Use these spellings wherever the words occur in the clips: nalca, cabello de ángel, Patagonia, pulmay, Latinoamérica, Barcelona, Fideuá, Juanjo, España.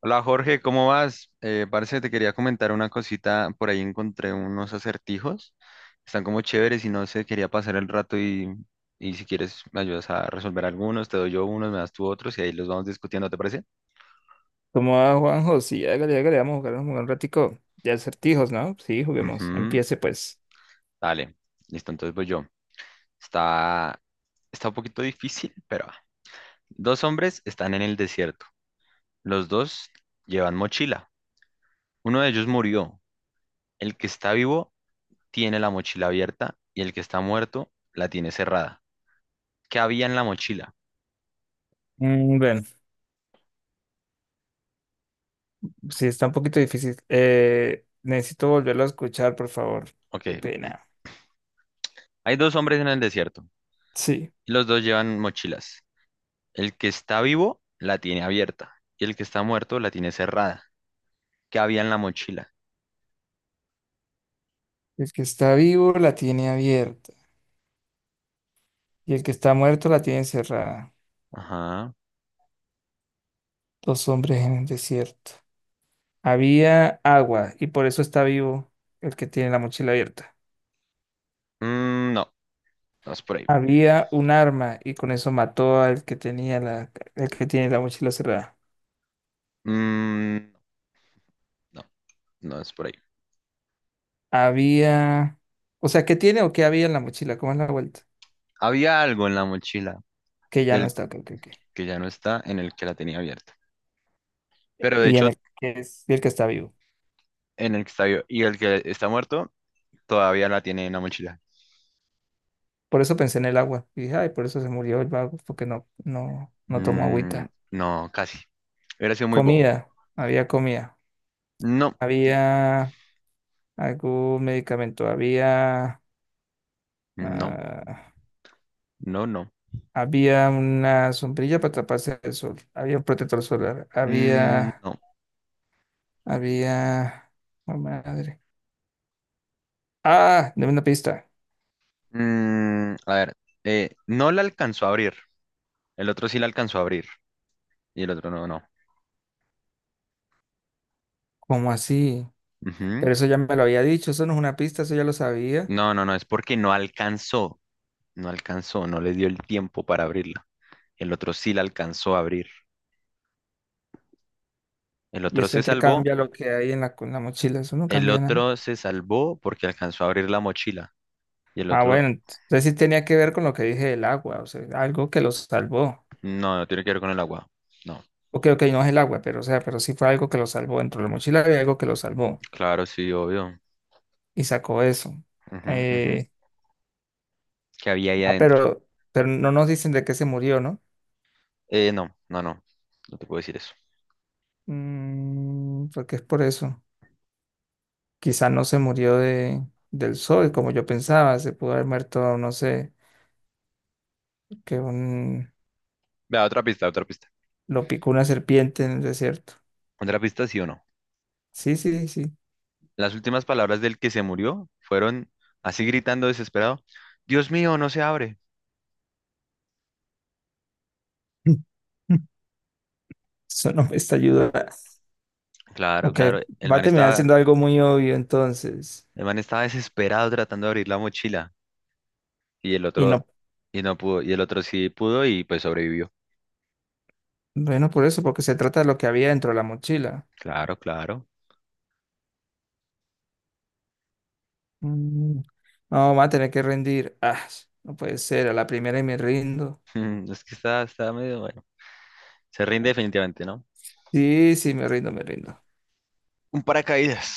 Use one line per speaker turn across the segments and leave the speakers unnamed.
Hola Jorge, ¿cómo vas? Parce, te quería comentar una cosita. Por ahí encontré unos acertijos. Están como chéveres y no sé, quería pasar el rato y si quieres me ayudas a resolver algunos, te doy yo unos, me das tú otros y ahí los vamos discutiendo, ¿te parece?
¿Cómo va, Juanjo? Sí, hágale, hágale, vamos a jugar un ratico de acertijos, ¿no? Sí, juguemos.
Ujú.
Empiece, pues.
Dale, listo, entonces voy yo. Está, está un poquito difícil, pero va. Dos hombres están en el desierto. Los dos llevan mochila. Uno de ellos murió. El que está vivo tiene la mochila abierta y el que está muerto la tiene cerrada. ¿Qué había en la mochila?
Bueno, sí, está un poquito difícil. Necesito volverlo a escuchar, por favor.
Ok,
Qué pena.
hay dos hombres en el desierto
Sí.
y los dos llevan mochilas. El que está vivo la tiene abierta y el que está muerto la tiene cerrada. ¿Qué había en la mochila?
El que está vivo la tiene abierta y el que está muerto la tiene cerrada.
Ajá.
Dos hombres en el desierto. Había agua y por eso está vivo el que tiene la mochila abierta.
Mm, no, no es por ahí.
Había un arma y con eso mató al que tenía la, el que tiene la mochila cerrada.
Mm, no, no es por ahí.
Había, o sea, ¿qué tiene o qué había en la mochila? ¿Cómo es la vuelta?
Había algo en la mochila
Que ya no
del
está, ok, ok, ok.
que ya no está en el que la tenía abierta. Pero de
Y en
hecho,
el que es y el que está vivo.
en el que está vivo y el que está muerto todavía la tiene en la mochila.
Por eso pensé en el agua. Y dije, ay, por eso se murió el vago, porque no, no, no tomó
Mm,
agüita.
no, casi. Hubiera sido muy bobo.
Comida, comida.
No,
Había algún medicamento, había,
no,
ah,
no, no.
había una sombrilla para taparse del sol, había un protector solar,
Mm,
había,
no.
había, oh, madre. Ah, de una pista.
Mm, a ver, no la alcanzó a abrir. El otro sí la alcanzó a abrir y el otro no, no.
¿Cómo así?
Ujú.
Pero eso ya me lo había dicho, eso no es una pista, eso ya lo sabía.
No, no, no, es porque no alcanzó. No alcanzó, no le dio el tiempo para abrirla. El otro sí la alcanzó a abrir. El
¿Y
otro
eso
se
en qué
salvó.
cambia lo que hay en la, con la mochila? Eso no
El
cambia nada.
otro se salvó porque alcanzó a abrir la mochila. Y el
Ah,
otro,
bueno, entonces sí tenía que ver con lo que dije del agua, o sea, algo que lo salvó.
no, no tiene que ver con el agua. No.
Ok, ok, no es el agua, pero o sea, pero sí fue algo que lo salvó. Dentro de la mochila había algo que lo salvó
Claro, sí, obvio.
y sacó eso.
Ujú, ujú.
Eh,
¿Qué había ahí
ah,
adentro?
pero, pero no nos dicen de qué se murió, ¿no?
No, no, no. No te puedo decir eso.
Porque es por eso. Quizá no se murió de, del sol, como yo pensaba, se pudo haber muerto, no sé, que un.
Vea, otra pista, otra pista.
Lo picó una serpiente en el desierto.
Otra pista, sí o no.
Sí, sí, sí.
Las últimas palabras del que se murió fueron así gritando desesperado, Dios mío, no se abre.
Eso no me está ayudando.
Claro,
Ok,
claro.
va a terminar siendo algo muy obvio entonces.
El man estaba desesperado tratando de abrir la mochila y el
Y
otro,
no,
y no pudo, y el otro sí pudo y pues sobrevivió.
bueno, por eso, porque se trata de lo que había dentro de la mochila.
Claro, claro.
Mm, No, va a tener que rendir. Ah, no puede ser, a la primera y me rindo.
Mm, es que está medio bueno. Se rinde definitivamente, ¿no?
Sí, sí, me rindo, me rindo.
Un paracaídas.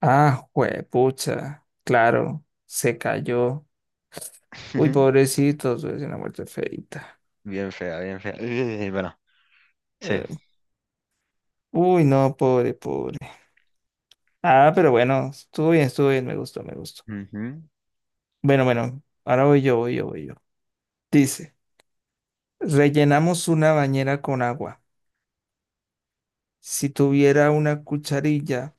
Ah, pucha, claro, se cayó. Uy,
Ujú.
pobrecito, es una muerte feita.
Bien fea, bien fea. Bueno, sí.
Eh, Uy, no, pobre, pobre. Ah, pero bueno, estuvo bien, me gustó, me gustó.
Ujú.
Bueno, bueno, ahora voy yo, voy yo, voy yo. Dice, rellenamos una bañera con agua. Si tuviera una cucharilla,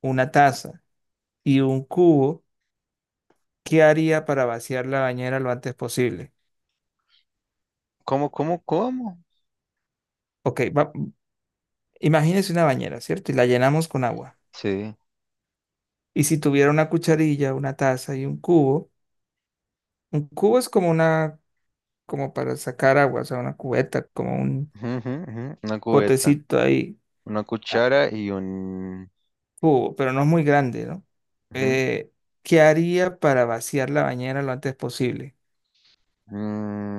una taza y un cubo, ¿qué haría para vaciar la bañera lo antes posible?
¿Cómo, cómo, cómo?
Ok, imagínese una bañera, ¿cierto? Y la llenamos con agua.
Sí.
Y si tuviera una cucharilla, una taza y un cubo es como una, como para sacar agua, o sea, una cubeta, como un
Ujú, ujú, ujú. Una cubeta,
potecito ahí.
una cuchara y un...
Cubo, pero no es muy grande, ¿no?
ujú.
Eh, ¿Qué haría para vaciar la bañera lo antes posible?
Mm,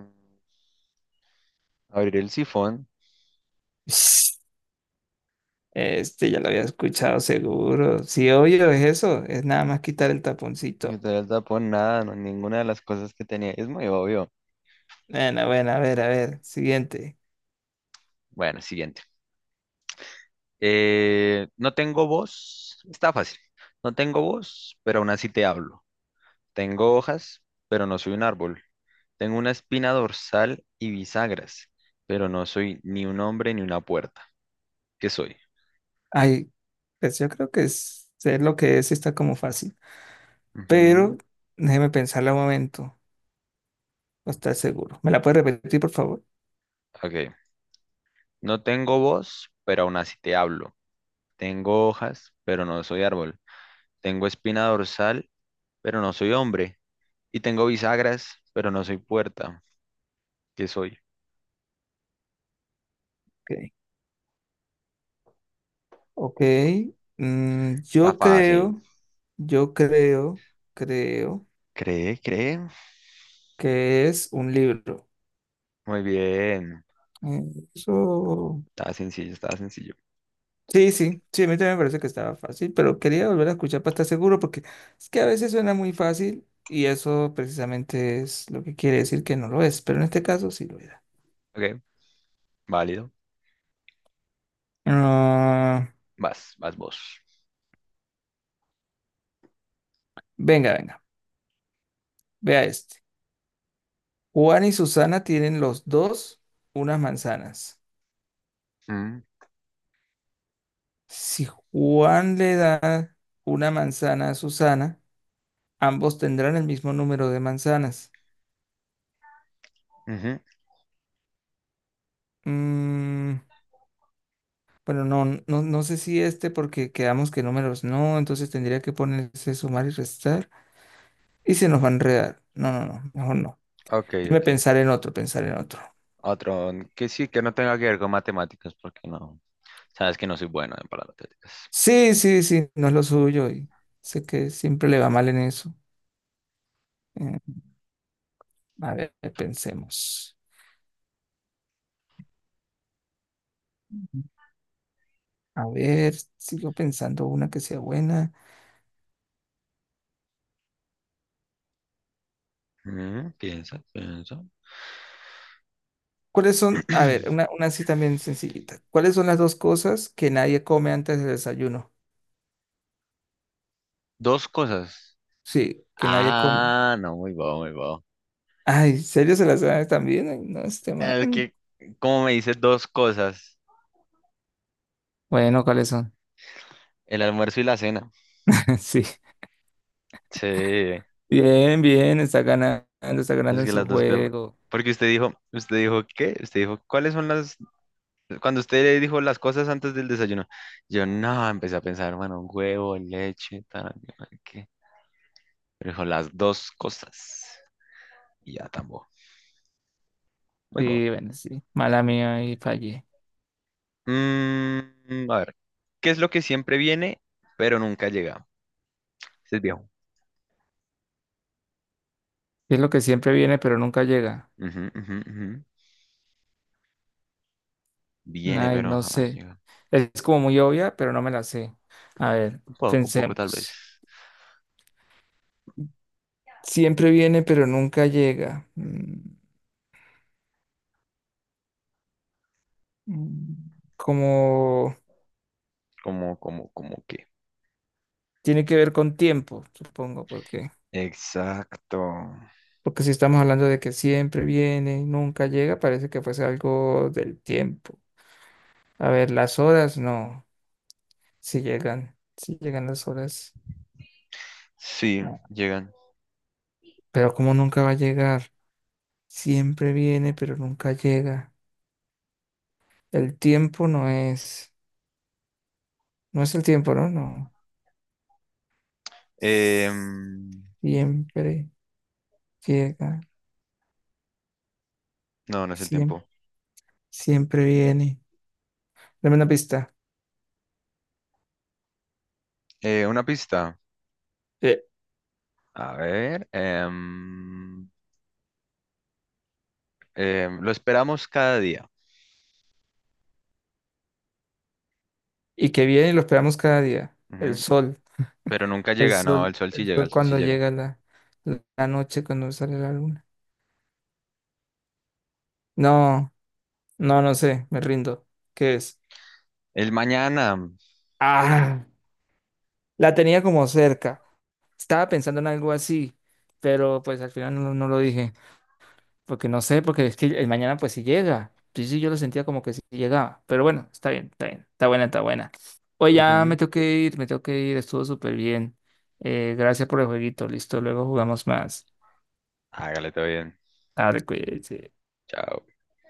abrir el sifón,
Ps, este ya lo había escuchado seguro. Sí, obvio, es eso. Es nada más quitar el taponcito.
quitar el tapón, nada, no, ninguna de las cosas que tenía. Es muy obvio.
Bueno, bueno, a ver, a ver. Siguiente.
Bueno, siguiente. No tengo voz, está fácil. No tengo voz, pero aún así te hablo. Tengo hojas, pero no soy un árbol. Tengo una espina dorsal y bisagras, pero no soy ni un hombre ni una puerta. ¿Qué soy?
Ay, pues yo creo que es, sé lo que es, está como fácil.
Ujú.
Pero déjeme pensarla un momento, para estar seguro. ¿Me la puede repetir, por favor?
Ok. No tengo voz, pero aún así te hablo. Tengo hojas, pero no soy árbol. Tengo espina dorsal, pero no soy hombre. Y tengo bisagras, pero no soy puerta. ¿Qué soy?
Ok. Ok.
Está
Yo
fácil.
creo, yo creo, creo
¿Cree? ¿Cree?
que es un libro.
Muy bien.
Eh, Eso,
Está sencillo, está sencillo.
sí, sí, sí, a mí también me parece que estaba fácil, pero quería volver a escuchar para estar seguro porque es que a veces suena muy fácil y eso precisamente es lo que quiere decir que no lo es, pero en este caso sí lo era.
Ok, válido.
Ah,
Vas, vas vos.
venga, venga, vea este. Juan y Susana tienen los dos unas manzanas.
Mm,
Si Juan le da una manzana a Susana, ambos tendrán el mismo número de manzanas.
ujú.
Mm, Bueno, no, no, no sé si este porque quedamos que números no, entonces tendría que ponerse sumar y restar y se nos va a enredar. No, no, no, mejor no.
Ok,
Dime
ok.
pensar en otro, pensar en otro.
Otro que sí, que no tenga que ver con matemáticas, porque no. Sabes que no soy bueno en palabras técnicas.
Sí, sí, sí, no es lo suyo y sé que siempre le va mal en eso. Eh, a ver, pensemos. A ver, sigo pensando una que sea buena.
Mm, piensa, piensa.
¿Cuáles son? A ver, una así también sencillita. ¿Cuáles son las dos cosas que nadie come antes del desayuno?
Dos cosas.
Sí, que nadie come.
Ah, no, muy bueno, muy bueno.
Ay, ¿serio se las sabe también? Ay, no, este man.
Es que, como me dices dos cosas,
Bueno, ¿cuáles son?
el almuerzo y la cena.
Sí.
Sí, es
Bien, bien, está ganando en
que las
su
dos cosas.
juego.
Porque usted dijo, ¿qué? Usted dijo, ¿cuáles son las... Cuando usted le dijo las cosas antes del desayuno, yo no, empecé a pensar, bueno, huevo, leche, tal, yo no ¿qué? Pero dijo las dos cosas. Y ya tampoco. Muy bueno.
Sí, bueno, sí. Mala mía y fallé.
Mm, a ver, ¿qué es lo que siempre viene, pero nunca llega? Ese es viejo.
Es lo que siempre viene, pero nunca llega.
Ujú, ujú, ujú. Viene,
Ay,
pero
no
jamás
sé.
llega.
Es como muy obvia, pero no me la sé. A ver,
Un poco tal vez.
pensemos. Siempre viene, pero nunca llega. Mm, Como
Como, como, como que.
tiene que ver con tiempo, supongo, porque.
Exacto.
Porque si estamos hablando de que siempre viene, nunca llega, parece que fuese algo del tiempo. A ver, las horas no, si llegan, si llegan las horas.
Sí,
Ah,
llegan.
pero como nunca va a llegar, siempre viene, pero nunca llega. El tiempo no es, no es el tiempo, ¿no? No.
Em,
Siempre llega,
no, no es el
siempre,
tiempo.
siempre viene. Dame una pista.
Una pista.
Eh,
A ver. Em, lo esperamos cada día.
y que viene y lo esperamos cada día. El
Ujú.
sol.
Pero nunca
El
llega. No, el
sol,
sol sí
el
llega,
sol
el sol sí
cuando
llega.
llega la, la noche, cuando sale la luna. No, no, no sé, me rindo. ¿Qué es?
El mañana.
Ah, la tenía como cerca. Estaba pensando en algo así, pero pues al final no, no lo dije, porque no sé, porque es que el mañana pues sí llega. Sí, sí, yo lo sentía como que sí llegaba, pero bueno, está bien, está bien, está buena, está buena. Oye, ya
Ujú.
me tengo que ir, me tengo que ir, estuvo súper bien. Gracias por el jueguito, listo, luego jugamos más.
Hágale todo bien.
Dale, cuídense.
Chao.